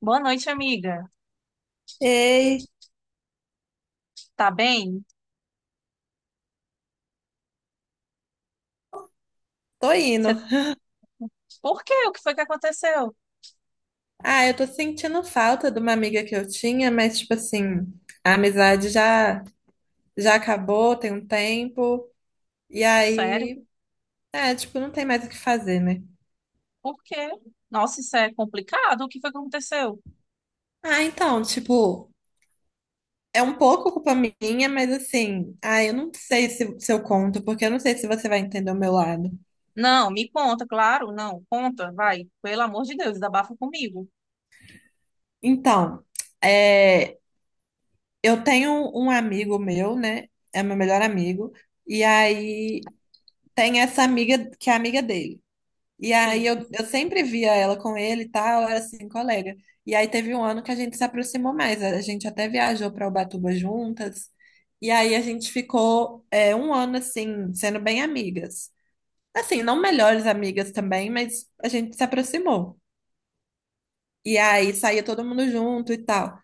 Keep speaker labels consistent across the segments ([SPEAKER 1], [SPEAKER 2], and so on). [SPEAKER 1] Boa noite, amiga.
[SPEAKER 2] Ei,
[SPEAKER 1] Tá bem?
[SPEAKER 2] tô indo.
[SPEAKER 1] Você... Por quê? O que foi que aconteceu?
[SPEAKER 2] Ah, eu tô sentindo falta de uma amiga que eu tinha, mas tipo assim, a amizade já já acabou, tem um tempo, e
[SPEAKER 1] Sério?
[SPEAKER 2] aí, é, tipo, não tem mais o que fazer, né?
[SPEAKER 1] Por quê? Nossa, isso é complicado. O que foi que aconteceu?
[SPEAKER 2] Ah, então, tipo, é um pouco culpa minha, mas assim, ah, eu não sei se eu conto, porque eu não sei se você vai entender o meu lado.
[SPEAKER 1] Não, me conta, claro. Não, conta, vai. Pelo amor de Deus, desabafa comigo.
[SPEAKER 2] Então, é, eu tenho um amigo meu, né? É meu melhor amigo, e aí tem essa amiga que é amiga dele. E
[SPEAKER 1] Sim.
[SPEAKER 2] aí eu sempre via ela com ele e tal, era assim, colega. E aí teve um ano que a gente se aproximou mais, a gente até viajou para Ubatuba juntas. E aí a gente ficou um ano assim, sendo bem amigas. Assim, não melhores amigas também, mas a gente se aproximou. E aí saía todo mundo junto e tal.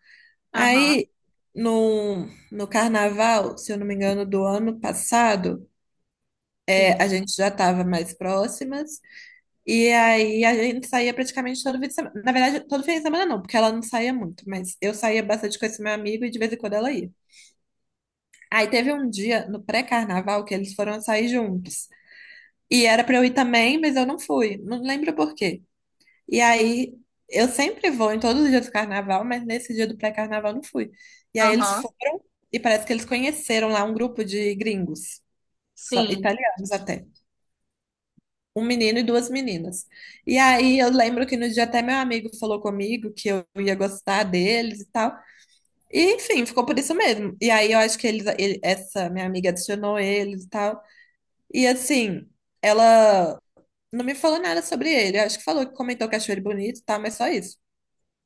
[SPEAKER 1] Aham,
[SPEAKER 2] Aí no, no carnaval, se eu não me engano, do ano passado, a
[SPEAKER 1] sim.
[SPEAKER 2] gente já estava mais próximas. E aí a gente saía praticamente todo fim de semana. Na verdade, todo fim de semana não, porque ela não saía muito, mas eu saía bastante com esse meu amigo e de vez em quando ela ia. Aí teve um dia no pré-carnaval que eles foram sair juntos. E era pra eu ir também, mas eu não fui. Não lembro por quê. E aí eu sempre vou em todos os dias do carnaval, mas nesse dia do pré-carnaval eu não fui. E aí eles
[SPEAKER 1] Aham,
[SPEAKER 2] foram e parece que eles conheceram lá um grupo de gringos,
[SPEAKER 1] sim.
[SPEAKER 2] italianos até. Um menino e duas meninas. E aí eu lembro que no dia até meu amigo falou comigo que eu ia gostar deles e tal. E enfim, ficou por isso mesmo. E aí eu acho que eles, essa minha amiga adicionou eles e tal. E assim, ela não me falou nada sobre ele. Eu acho que falou que comentou que achou ele bonito e tal, mas só isso.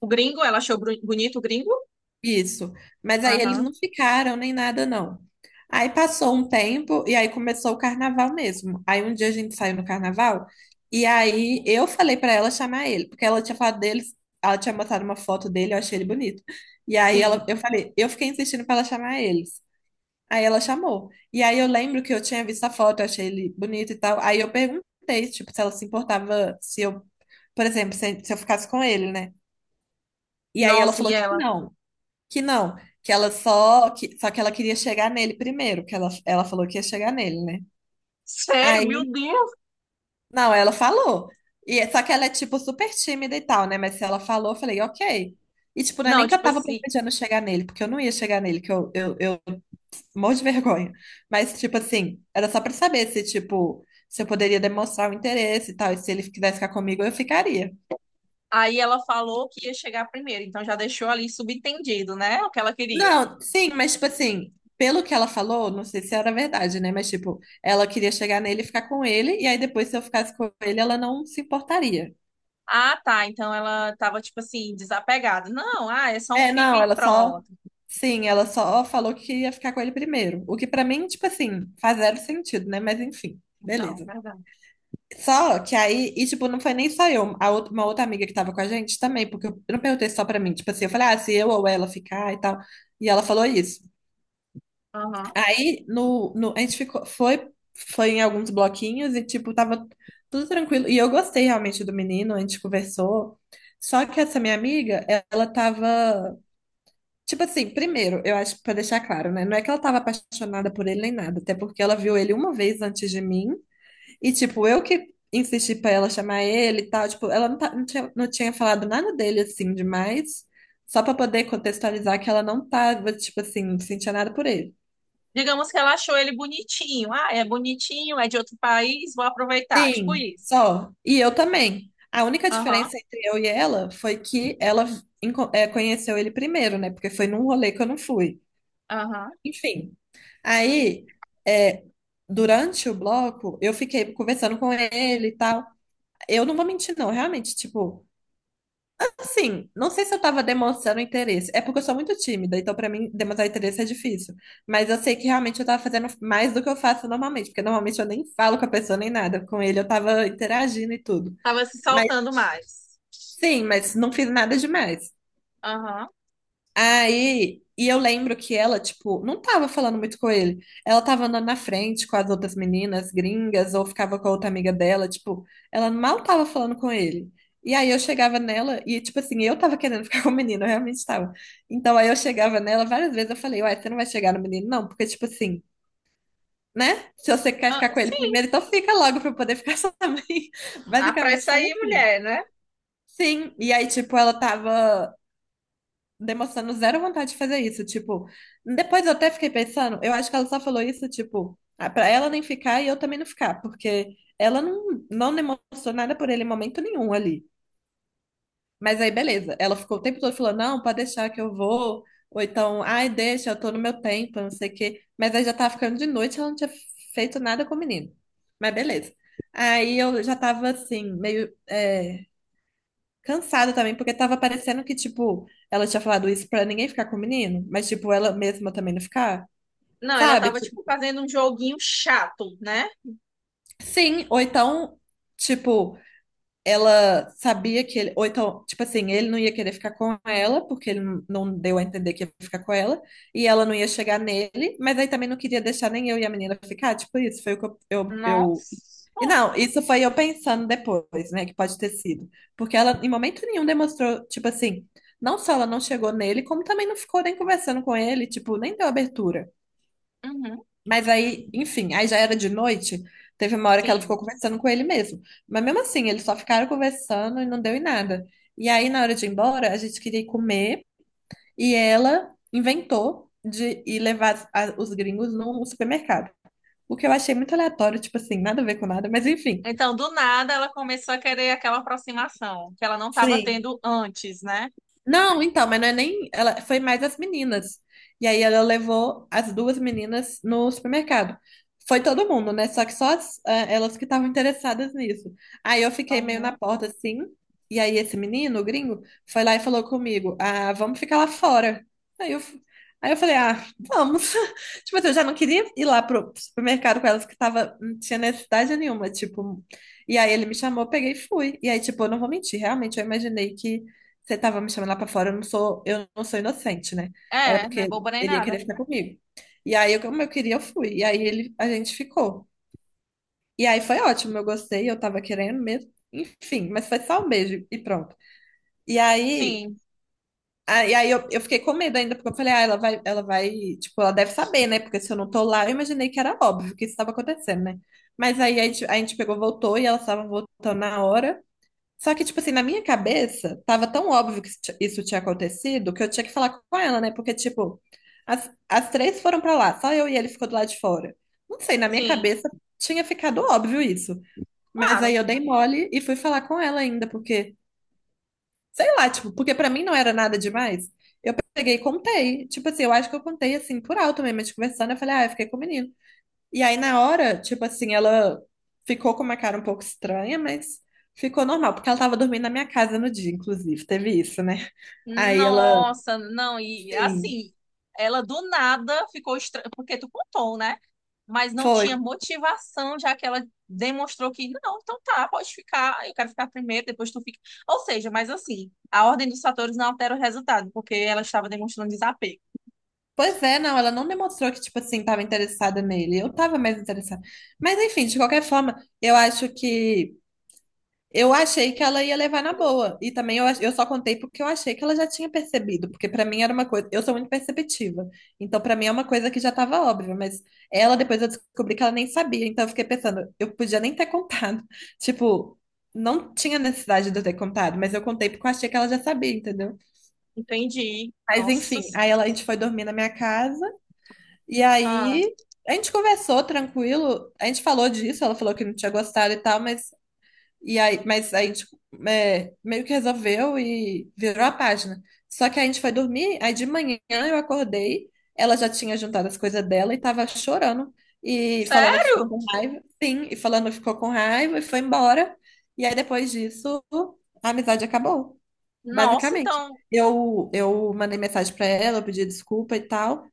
[SPEAKER 1] O gringo, ela achou bonito o gringo?
[SPEAKER 2] Isso. Mas aí eles
[SPEAKER 1] Aham,
[SPEAKER 2] não ficaram nem nada, não. Aí passou um tempo e aí começou o carnaval mesmo. Aí um dia a gente saiu no carnaval e aí eu falei pra ela chamar ele, porque ela tinha falado dele, ela tinha mostrado uma foto dele, eu achei ele bonito. E aí ela,
[SPEAKER 1] sim.
[SPEAKER 2] eu falei, eu fiquei insistindo pra ela chamar eles. Aí ela chamou. E aí eu lembro que eu tinha visto a foto, eu achei ele bonito e tal. Aí eu perguntei, tipo, se ela se importava se eu, por exemplo, se eu ficasse com ele, né? E aí ela
[SPEAKER 1] Nossa, e
[SPEAKER 2] falou que
[SPEAKER 1] ela?
[SPEAKER 2] não. Que não, que ela só que ela queria chegar nele primeiro, que ela falou que ia chegar nele, né?
[SPEAKER 1] Sério? Meu
[SPEAKER 2] Aí,
[SPEAKER 1] Deus!
[SPEAKER 2] não, ela falou. E só que ela é tipo super tímida e tal, né? Mas se ela falou, eu falei, OK. E tipo, não é
[SPEAKER 1] Não,
[SPEAKER 2] nem que eu
[SPEAKER 1] tipo
[SPEAKER 2] tava
[SPEAKER 1] assim.
[SPEAKER 2] planejando chegar nele, porque eu não ia chegar nele, que eu morro de vergonha. Mas tipo assim, era só pra saber se tipo, se eu poderia demonstrar o interesse e tal, e se ele quisesse ficar comigo, eu ficaria.
[SPEAKER 1] Aí ela falou que ia chegar primeiro, então já deixou ali subentendido, né? O que ela queria.
[SPEAKER 2] Não, sim, mas tipo assim, pelo que ela falou, não sei se era verdade, né? Mas tipo, ela queria chegar nele e ficar com ele, e aí depois se eu ficasse com ele, ela não se importaria.
[SPEAKER 1] Ah, tá. Então ela tava, tipo assim, desapegada. Não, ah, é só um
[SPEAKER 2] É,
[SPEAKER 1] fica
[SPEAKER 2] não,
[SPEAKER 1] e
[SPEAKER 2] ela só.
[SPEAKER 1] pronto.
[SPEAKER 2] Sim, ela só falou que ia ficar com ele primeiro. O que pra mim, tipo assim, faz zero sentido, né? Mas enfim,
[SPEAKER 1] Então,
[SPEAKER 2] beleza.
[SPEAKER 1] verdade.
[SPEAKER 2] Só que aí, e tipo, não foi nem só eu, a outra, uma outra amiga que tava com a gente também, porque eu não perguntei só pra mim, tipo assim, eu falei, ah, se eu ou ela ficar e tal. E ela falou isso.
[SPEAKER 1] Aham.
[SPEAKER 2] Aí no, a gente ficou, foi, foi em alguns bloquinhos e tipo, tava tudo tranquilo. E eu gostei realmente do menino, a gente conversou. Só que essa minha amiga, ela tava, tipo assim, primeiro, eu acho pra deixar claro, né? Não é que ela tava apaixonada por ele nem nada, até porque ela viu ele uma vez antes de mim e tipo, eu que insisti pra ela chamar ele e tal, tipo, ela não, não tinha falado nada dele assim demais. Só pra poder contextualizar que ela não tava, tipo assim, não sentia nada por ele.
[SPEAKER 1] Digamos que ela achou ele bonitinho. Ah, é bonitinho, é de outro país, vou aproveitar. Tipo
[SPEAKER 2] Sim,
[SPEAKER 1] isso.
[SPEAKER 2] só. E eu também. A única
[SPEAKER 1] Aham,
[SPEAKER 2] diferença entre eu e ela foi que ela conheceu ele primeiro, né? Porque foi num rolê que eu não fui.
[SPEAKER 1] aham.
[SPEAKER 2] Enfim. Aí, eh, durante o bloco, eu fiquei conversando com ele e tal. Eu não vou mentir, não. Realmente, tipo, assim, não sei se eu tava demonstrando interesse. É porque eu sou muito tímida, então pra mim demonstrar interesse é difícil. Mas eu sei que realmente eu tava fazendo mais do que eu faço normalmente, porque normalmente eu nem falo com a pessoa nem nada. Com ele eu tava interagindo e tudo.
[SPEAKER 1] Tava se
[SPEAKER 2] Mas
[SPEAKER 1] soltando mais.
[SPEAKER 2] sim, mas não fiz nada demais.
[SPEAKER 1] Aham.
[SPEAKER 2] Aí, e eu lembro que ela, tipo, não tava falando muito com ele. Ela tava andando na frente com as outras meninas gringas, ou ficava com a outra amiga dela, tipo, ela mal tava falando com ele. E aí eu chegava nela e, tipo assim, eu tava querendo ficar com o menino, eu realmente tava. Então aí eu chegava nela várias vezes, eu falei, uai, você não vai chegar no menino, não, porque, tipo assim, né? Se você quer
[SPEAKER 1] Ah,
[SPEAKER 2] ficar com ele
[SPEAKER 1] sim.
[SPEAKER 2] primeiro, então fica logo pra eu poder ficar só também. Basicamente
[SPEAKER 1] Apressa
[SPEAKER 2] tava
[SPEAKER 1] aí,
[SPEAKER 2] assim.
[SPEAKER 1] mulher, né?
[SPEAKER 2] Sim, e aí, tipo, ela tava demonstrando zero vontade de fazer isso. Tipo, depois eu até fiquei pensando, eu acho que ela só falou isso, tipo, ah, pra ela nem ficar e eu também não ficar, porque ela não, não demonstrou nada por ele em momento nenhum ali. Mas aí, beleza, ela ficou o tempo todo falando, não, pode deixar que eu vou, ou então, ai, deixa, eu tô no meu tempo, não sei o quê. Mas aí já tava ficando de noite, ela não tinha feito nada com o menino. Mas beleza. Aí eu já tava assim, meio, é, cansada também, porque tava parecendo que, tipo, ela tinha falado isso pra ninguém ficar com o menino, mas, tipo, ela mesma também não ficar,
[SPEAKER 1] Não, ela
[SPEAKER 2] sabe?
[SPEAKER 1] tava, tipo,
[SPEAKER 2] Tipo,
[SPEAKER 1] fazendo um joguinho chato, né?
[SPEAKER 2] sim, ou então, tipo, ela sabia que ele, ou então, tipo assim, ele não ia querer ficar com ela, porque ele não deu a entender que ia ficar com ela, e ela não ia chegar nele, mas aí também não queria deixar nem eu e a menina ficar, tipo, isso foi o que eu.
[SPEAKER 1] Nossa.
[SPEAKER 2] E não, isso foi eu pensando depois, né, que pode ter sido. Porque ela, em momento nenhum, demonstrou, tipo assim, não só ela não chegou nele, como também não ficou nem conversando com ele, tipo, nem deu abertura.
[SPEAKER 1] Uhum.
[SPEAKER 2] Mas aí, enfim, aí já era de noite, teve uma hora que ela ficou
[SPEAKER 1] Sim.
[SPEAKER 2] conversando com ele mesmo. Mas mesmo assim, eles só ficaram conversando e não deu em nada. E aí, na hora de ir embora, a gente queria ir comer e ela inventou de ir levar os gringos num supermercado. O que eu achei muito aleatório, tipo assim, nada a ver com nada, mas enfim.
[SPEAKER 1] Então, do nada, ela começou a querer aquela aproximação que ela não estava
[SPEAKER 2] Sim.
[SPEAKER 1] tendo antes, né?
[SPEAKER 2] Não, então, mas não é nem. Ela foi mais as meninas. E aí ela levou as duas meninas no supermercado. Foi todo mundo, né? Só que só as, ah, elas que estavam interessadas nisso. Aí eu fiquei meio na
[SPEAKER 1] Aham.
[SPEAKER 2] porta assim. E aí esse menino, o gringo, foi lá e falou comigo: Ah, vamos ficar lá fora. Aí eu, f- aí eu falei: Ah, vamos. Tipo assim, eu já não queria ir lá pro supermercado com elas que tava, não tinha necessidade nenhuma. Tipo, e aí ele me chamou, eu peguei e fui. E aí, tipo, eu não vou mentir, realmente eu imaginei que você tava me chamando lá pra fora, eu não sou inocente, né? Era
[SPEAKER 1] É, não é
[SPEAKER 2] porque
[SPEAKER 1] boba nem
[SPEAKER 2] ele ia querer
[SPEAKER 1] nada.
[SPEAKER 2] ficar comigo. E aí, eu, como eu queria, eu fui. E aí, ele, a gente ficou. E aí, foi ótimo, eu gostei, eu tava querendo mesmo. Enfim, mas foi só um beijo e pronto. E aí,
[SPEAKER 1] Sim,
[SPEAKER 2] eu fiquei com medo ainda, porque eu falei, ah, ela vai, tipo, ela deve saber, né? Porque se eu não tô lá, eu imaginei que era óbvio que isso estava acontecendo, né? Mas aí, a gente pegou, voltou, e elas estavam voltando na hora. Só que, tipo assim, na minha cabeça, tava tão óbvio que isso tinha acontecido que eu tinha que falar com ela, né? Porque, tipo, as três foram pra lá, só eu e ele ficou do lado de fora. Não sei, na minha
[SPEAKER 1] sim,
[SPEAKER 2] cabeça tinha ficado óbvio isso. Mas aí
[SPEAKER 1] claro.
[SPEAKER 2] eu dei mole e fui falar com ela ainda, porque, sei lá, tipo, porque pra mim não era nada demais. Eu peguei e contei. Tipo assim, eu acho que eu contei assim por alto mesmo, a gente conversando, eu falei, ah, eu fiquei com o menino. E aí, na hora, tipo assim, ela ficou com uma cara um pouco estranha, mas ficou normal, porque ela tava dormindo na minha casa no dia, inclusive, teve isso, né? Aí ela,
[SPEAKER 1] Nossa, não, e
[SPEAKER 2] sim,
[SPEAKER 1] assim, ela do nada ficou estranha, porque tu contou, né? Mas não
[SPEAKER 2] foi.
[SPEAKER 1] tinha motivação, já que ela demonstrou que, não, então tá, pode ficar, eu quero ficar primeiro, depois tu fica. Ou seja, mas assim, a ordem dos fatores não altera o resultado, porque ela estava demonstrando desapego.
[SPEAKER 2] Pois é, não, ela não demonstrou que, tipo assim, tava interessada nele. Eu tava mais interessada. Mas, enfim, de qualquer forma, eu acho que. Eu achei que ela ia levar na boa. E também eu, eu só contei porque eu achei que ela já tinha percebido. Porque pra mim era uma coisa. Eu sou muito perceptiva. Então pra mim é uma coisa que já tava óbvia. Mas ela, depois eu descobri que ela nem sabia. Então eu fiquei pensando, eu podia nem ter contado. Tipo, não tinha necessidade de eu ter contado. Mas eu contei porque eu achei que ela já sabia, entendeu?
[SPEAKER 1] Entendi.
[SPEAKER 2] Mas
[SPEAKER 1] Nossa.
[SPEAKER 2] enfim, aí ela, a gente foi dormir na minha casa. E
[SPEAKER 1] Ah,
[SPEAKER 2] aí. A gente conversou tranquilo, a gente falou disso, ela falou que não tinha gostado e tal, mas e aí, mas aí, tipo, é, meio que resolveu e virou a página. Só que a gente foi dormir, aí de manhã eu acordei, ela já tinha juntado as coisas dela e tava chorando e falando que ficou
[SPEAKER 1] sério?
[SPEAKER 2] com raiva. Sim, e falando que ficou com raiva e foi embora. E aí depois disso, a amizade acabou,
[SPEAKER 1] Nossa,
[SPEAKER 2] basicamente.
[SPEAKER 1] então,
[SPEAKER 2] Eu mandei mensagem pra ela, eu pedi desculpa e tal.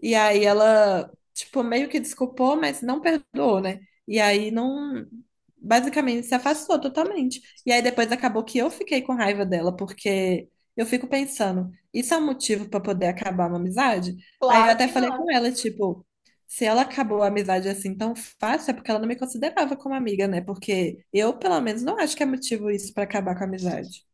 [SPEAKER 2] E aí ela, tipo, meio que desculpou, mas não perdoou, né? E aí não. Basicamente se afastou totalmente. E aí depois acabou que eu fiquei com raiva dela, porque eu fico pensando, isso é um motivo pra poder acabar uma amizade? Aí eu
[SPEAKER 1] claro
[SPEAKER 2] até
[SPEAKER 1] que
[SPEAKER 2] falei
[SPEAKER 1] não.
[SPEAKER 2] com ela, tipo, se ela acabou a amizade assim tão fácil, é porque ela não me considerava como amiga, né? Porque eu, pelo menos, não acho que é motivo isso pra acabar com a amizade.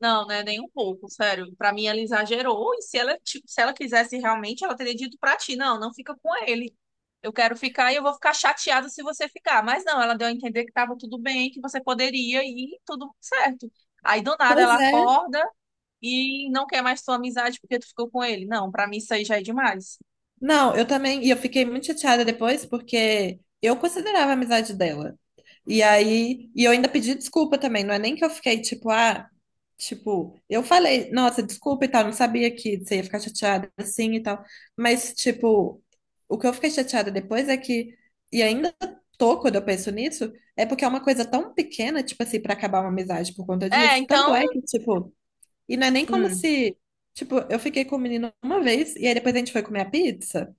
[SPEAKER 1] Não, né? Nem um pouco, sério. Pra mim, ela exagerou. E se ela, se ela quisesse realmente, ela teria dito pra ti: não, não fica com ele. Eu quero ficar e eu vou ficar chateada se você ficar. Mas não, ela deu a entender que tava tudo bem, que você poderia e tudo certo. Aí do nada
[SPEAKER 2] Pois
[SPEAKER 1] ela
[SPEAKER 2] é.
[SPEAKER 1] acorda e não quer mais tua amizade porque tu ficou com ele. Não, pra mim isso aí já é demais.
[SPEAKER 2] Não, eu também. E eu fiquei muito chateada depois, porque eu considerava a amizade dela. E aí, e eu ainda pedi desculpa também, não é nem que eu fiquei tipo, ah, tipo, eu falei, nossa, desculpa e tal, não sabia que você ia ficar chateada assim e tal, mas tipo, o que eu fiquei chateada depois é que, e ainda tô quando eu penso nisso, é porque é uma coisa tão pequena, tipo assim, pra acabar uma amizade por conta
[SPEAKER 1] É,
[SPEAKER 2] disso, tanto
[SPEAKER 1] então.
[SPEAKER 2] é que, tipo, e não é nem como
[SPEAKER 1] Hum.
[SPEAKER 2] se, tipo, eu fiquei com o menino uma vez e aí depois a gente foi comer a pizza.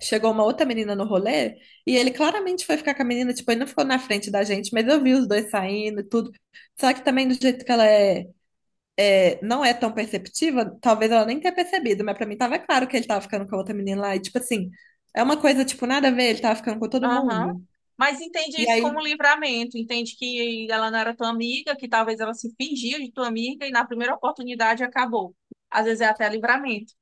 [SPEAKER 2] Chegou uma outra menina no rolê e ele claramente foi ficar com a menina, tipo, ele não ficou na frente da gente, mas eu vi os dois saindo e tudo. Só que também do jeito que ela é, é, não é tão perceptiva, talvez ela nem tenha percebido, mas pra mim tava claro que ele tava ficando com a outra menina lá. E tipo assim, é uma coisa, tipo, nada a ver, ele tava ficando com todo
[SPEAKER 1] Aham.
[SPEAKER 2] mundo.
[SPEAKER 1] Mas entende
[SPEAKER 2] E
[SPEAKER 1] isso como
[SPEAKER 2] aí
[SPEAKER 1] livramento, entende que ela não era tua amiga, que talvez ela se fingia de tua amiga e na primeira oportunidade acabou. Às vezes é até livramento.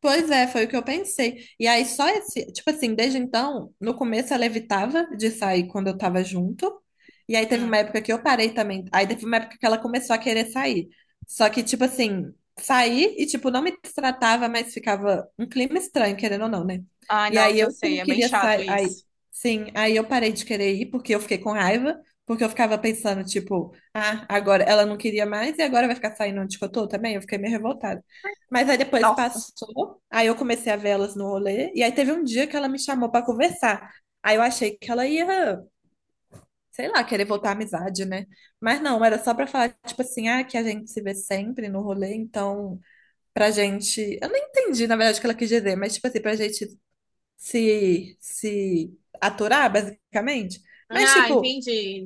[SPEAKER 2] Pois é, foi o que eu pensei. E aí, só esse, tipo assim, desde então, no começo ela evitava de sair quando eu tava junto. E aí teve
[SPEAKER 1] Hum.
[SPEAKER 2] uma época que eu parei também. Aí teve uma época que ela começou a querer sair. Só que, tipo assim, saí e, tipo, não me tratava, mas ficava um clima estranho, querendo ou não, né?
[SPEAKER 1] Ai,
[SPEAKER 2] E aí
[SPEAKER 1] nossa, eu
[SPEAKER 2] eu que
[SPEAKER 1] sei,
[SPEAKER 2] não
[SPEAKER 1] é bem
[SPEAKER 2] queria
[SPEAKER 1] chato
[SPEAKER 2] sair. Aí,
[SPEAKER 1] isso.
[SPEAKER 2] sim, aí eu parei de querer ir porque eu fiquei com raiva. Porque eu ficava pensando, tipo, ah, agora ela não queria mais e agora vai ficar saindo onde que eu tô também. Eu fiquei meio revoltada. Mas aí depois
[SPEAKER 1] Nossa.
[SPEAKER 2] passou, aí eu comecei a ver elas no rolê, e aí teve um dia que ela me chamou pra conversar. Aí eu achei que ela ia, sei lá, querer voltar à amizade, né? Mas não, era só pra falar, tipo assim, ah, que a gente se vê sempre no rolê, então pra gente. Eu não entendi, na verdade, o que ela quis dizer, mas tipo assim, pra gente se aturar, basicamente. Mas,
[SPEAKER 1] Ah,
[SPEAKER 2] tipo,
[SPEAKER 1] entendi.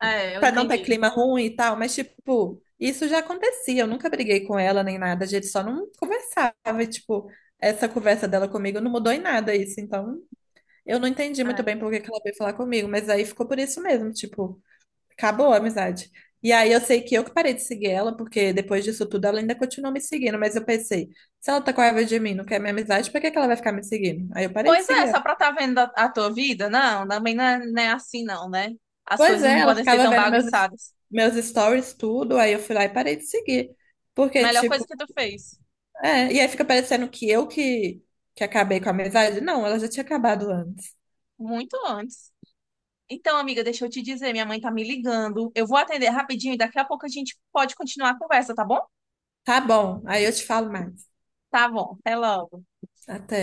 [SPEAKER 1] É, eu
[SPEAKER 2] pra não ter
[SPEAKER 1] entendi.
[SPEAKER 2] clima ruim e tal, mas tipo, isso já acontecia. Eu nunca briguei com ela nem nada, a gente só não conversava. E, tipo, essa conversa dela comigo não mudou em nada isso. Então, eu não entendi muito bem
[SPEAKER 1] É.
[SPEAKER 2] por que que ela veio falar comigo, mas aí ficou por isso mesmo, tipo, acabou a amizade. E aí eu sei que eu que parei de seguir ela, porque depois disso tudo ela ainda continuou me seguindo, mas eu pensei, se ela tá com raiva de mim, não quer minha amizade, por que que ela vai ficar me seguindo? Aí eu parei de
[SPEAKER 1] Pois é,
[SPEAKER 2] seguir
[SPEAKER 1] só pra tá vendo a tua vida, não, também não é, não é assim não, né? As
[SPEAKER 2] Pois
[SPEAKER 1] coisas não
[SPEAKER 2] é, ela
[SPEAKER 1] podem ser
[SPEAKER 2] ficava
[SPEAKER 1] tão
[SPEAKER 2] vendo meus,
[SPEAKER 1] bagunçadas.
[SPEAKER 2] meus stories, tudo, aí eu fui lá e parei de seguir. Porque,
[SPEAKER 1] Melhor coisa
[SPEAKER 2] tipo,
[SPEAKER 1] que tu fez,
[SPEAKER 2] é, e aí fica parecendo que eu que acabei com a amizade. Não, ela já tinha acabado antes.
[SPEAKER 1] muito antes. Então, amiga, deixa eu te dizer, minha mãe tá me ligando. Eu vou atender rapidinho e daqui a pouco a gente pode continuar a conversa, tá bom?
[SPEAKER 2] Tá bom, aí eu te falo mais.
[SPEAKER 1] Tá bom, até logo.
[SPEAKER 2] Até.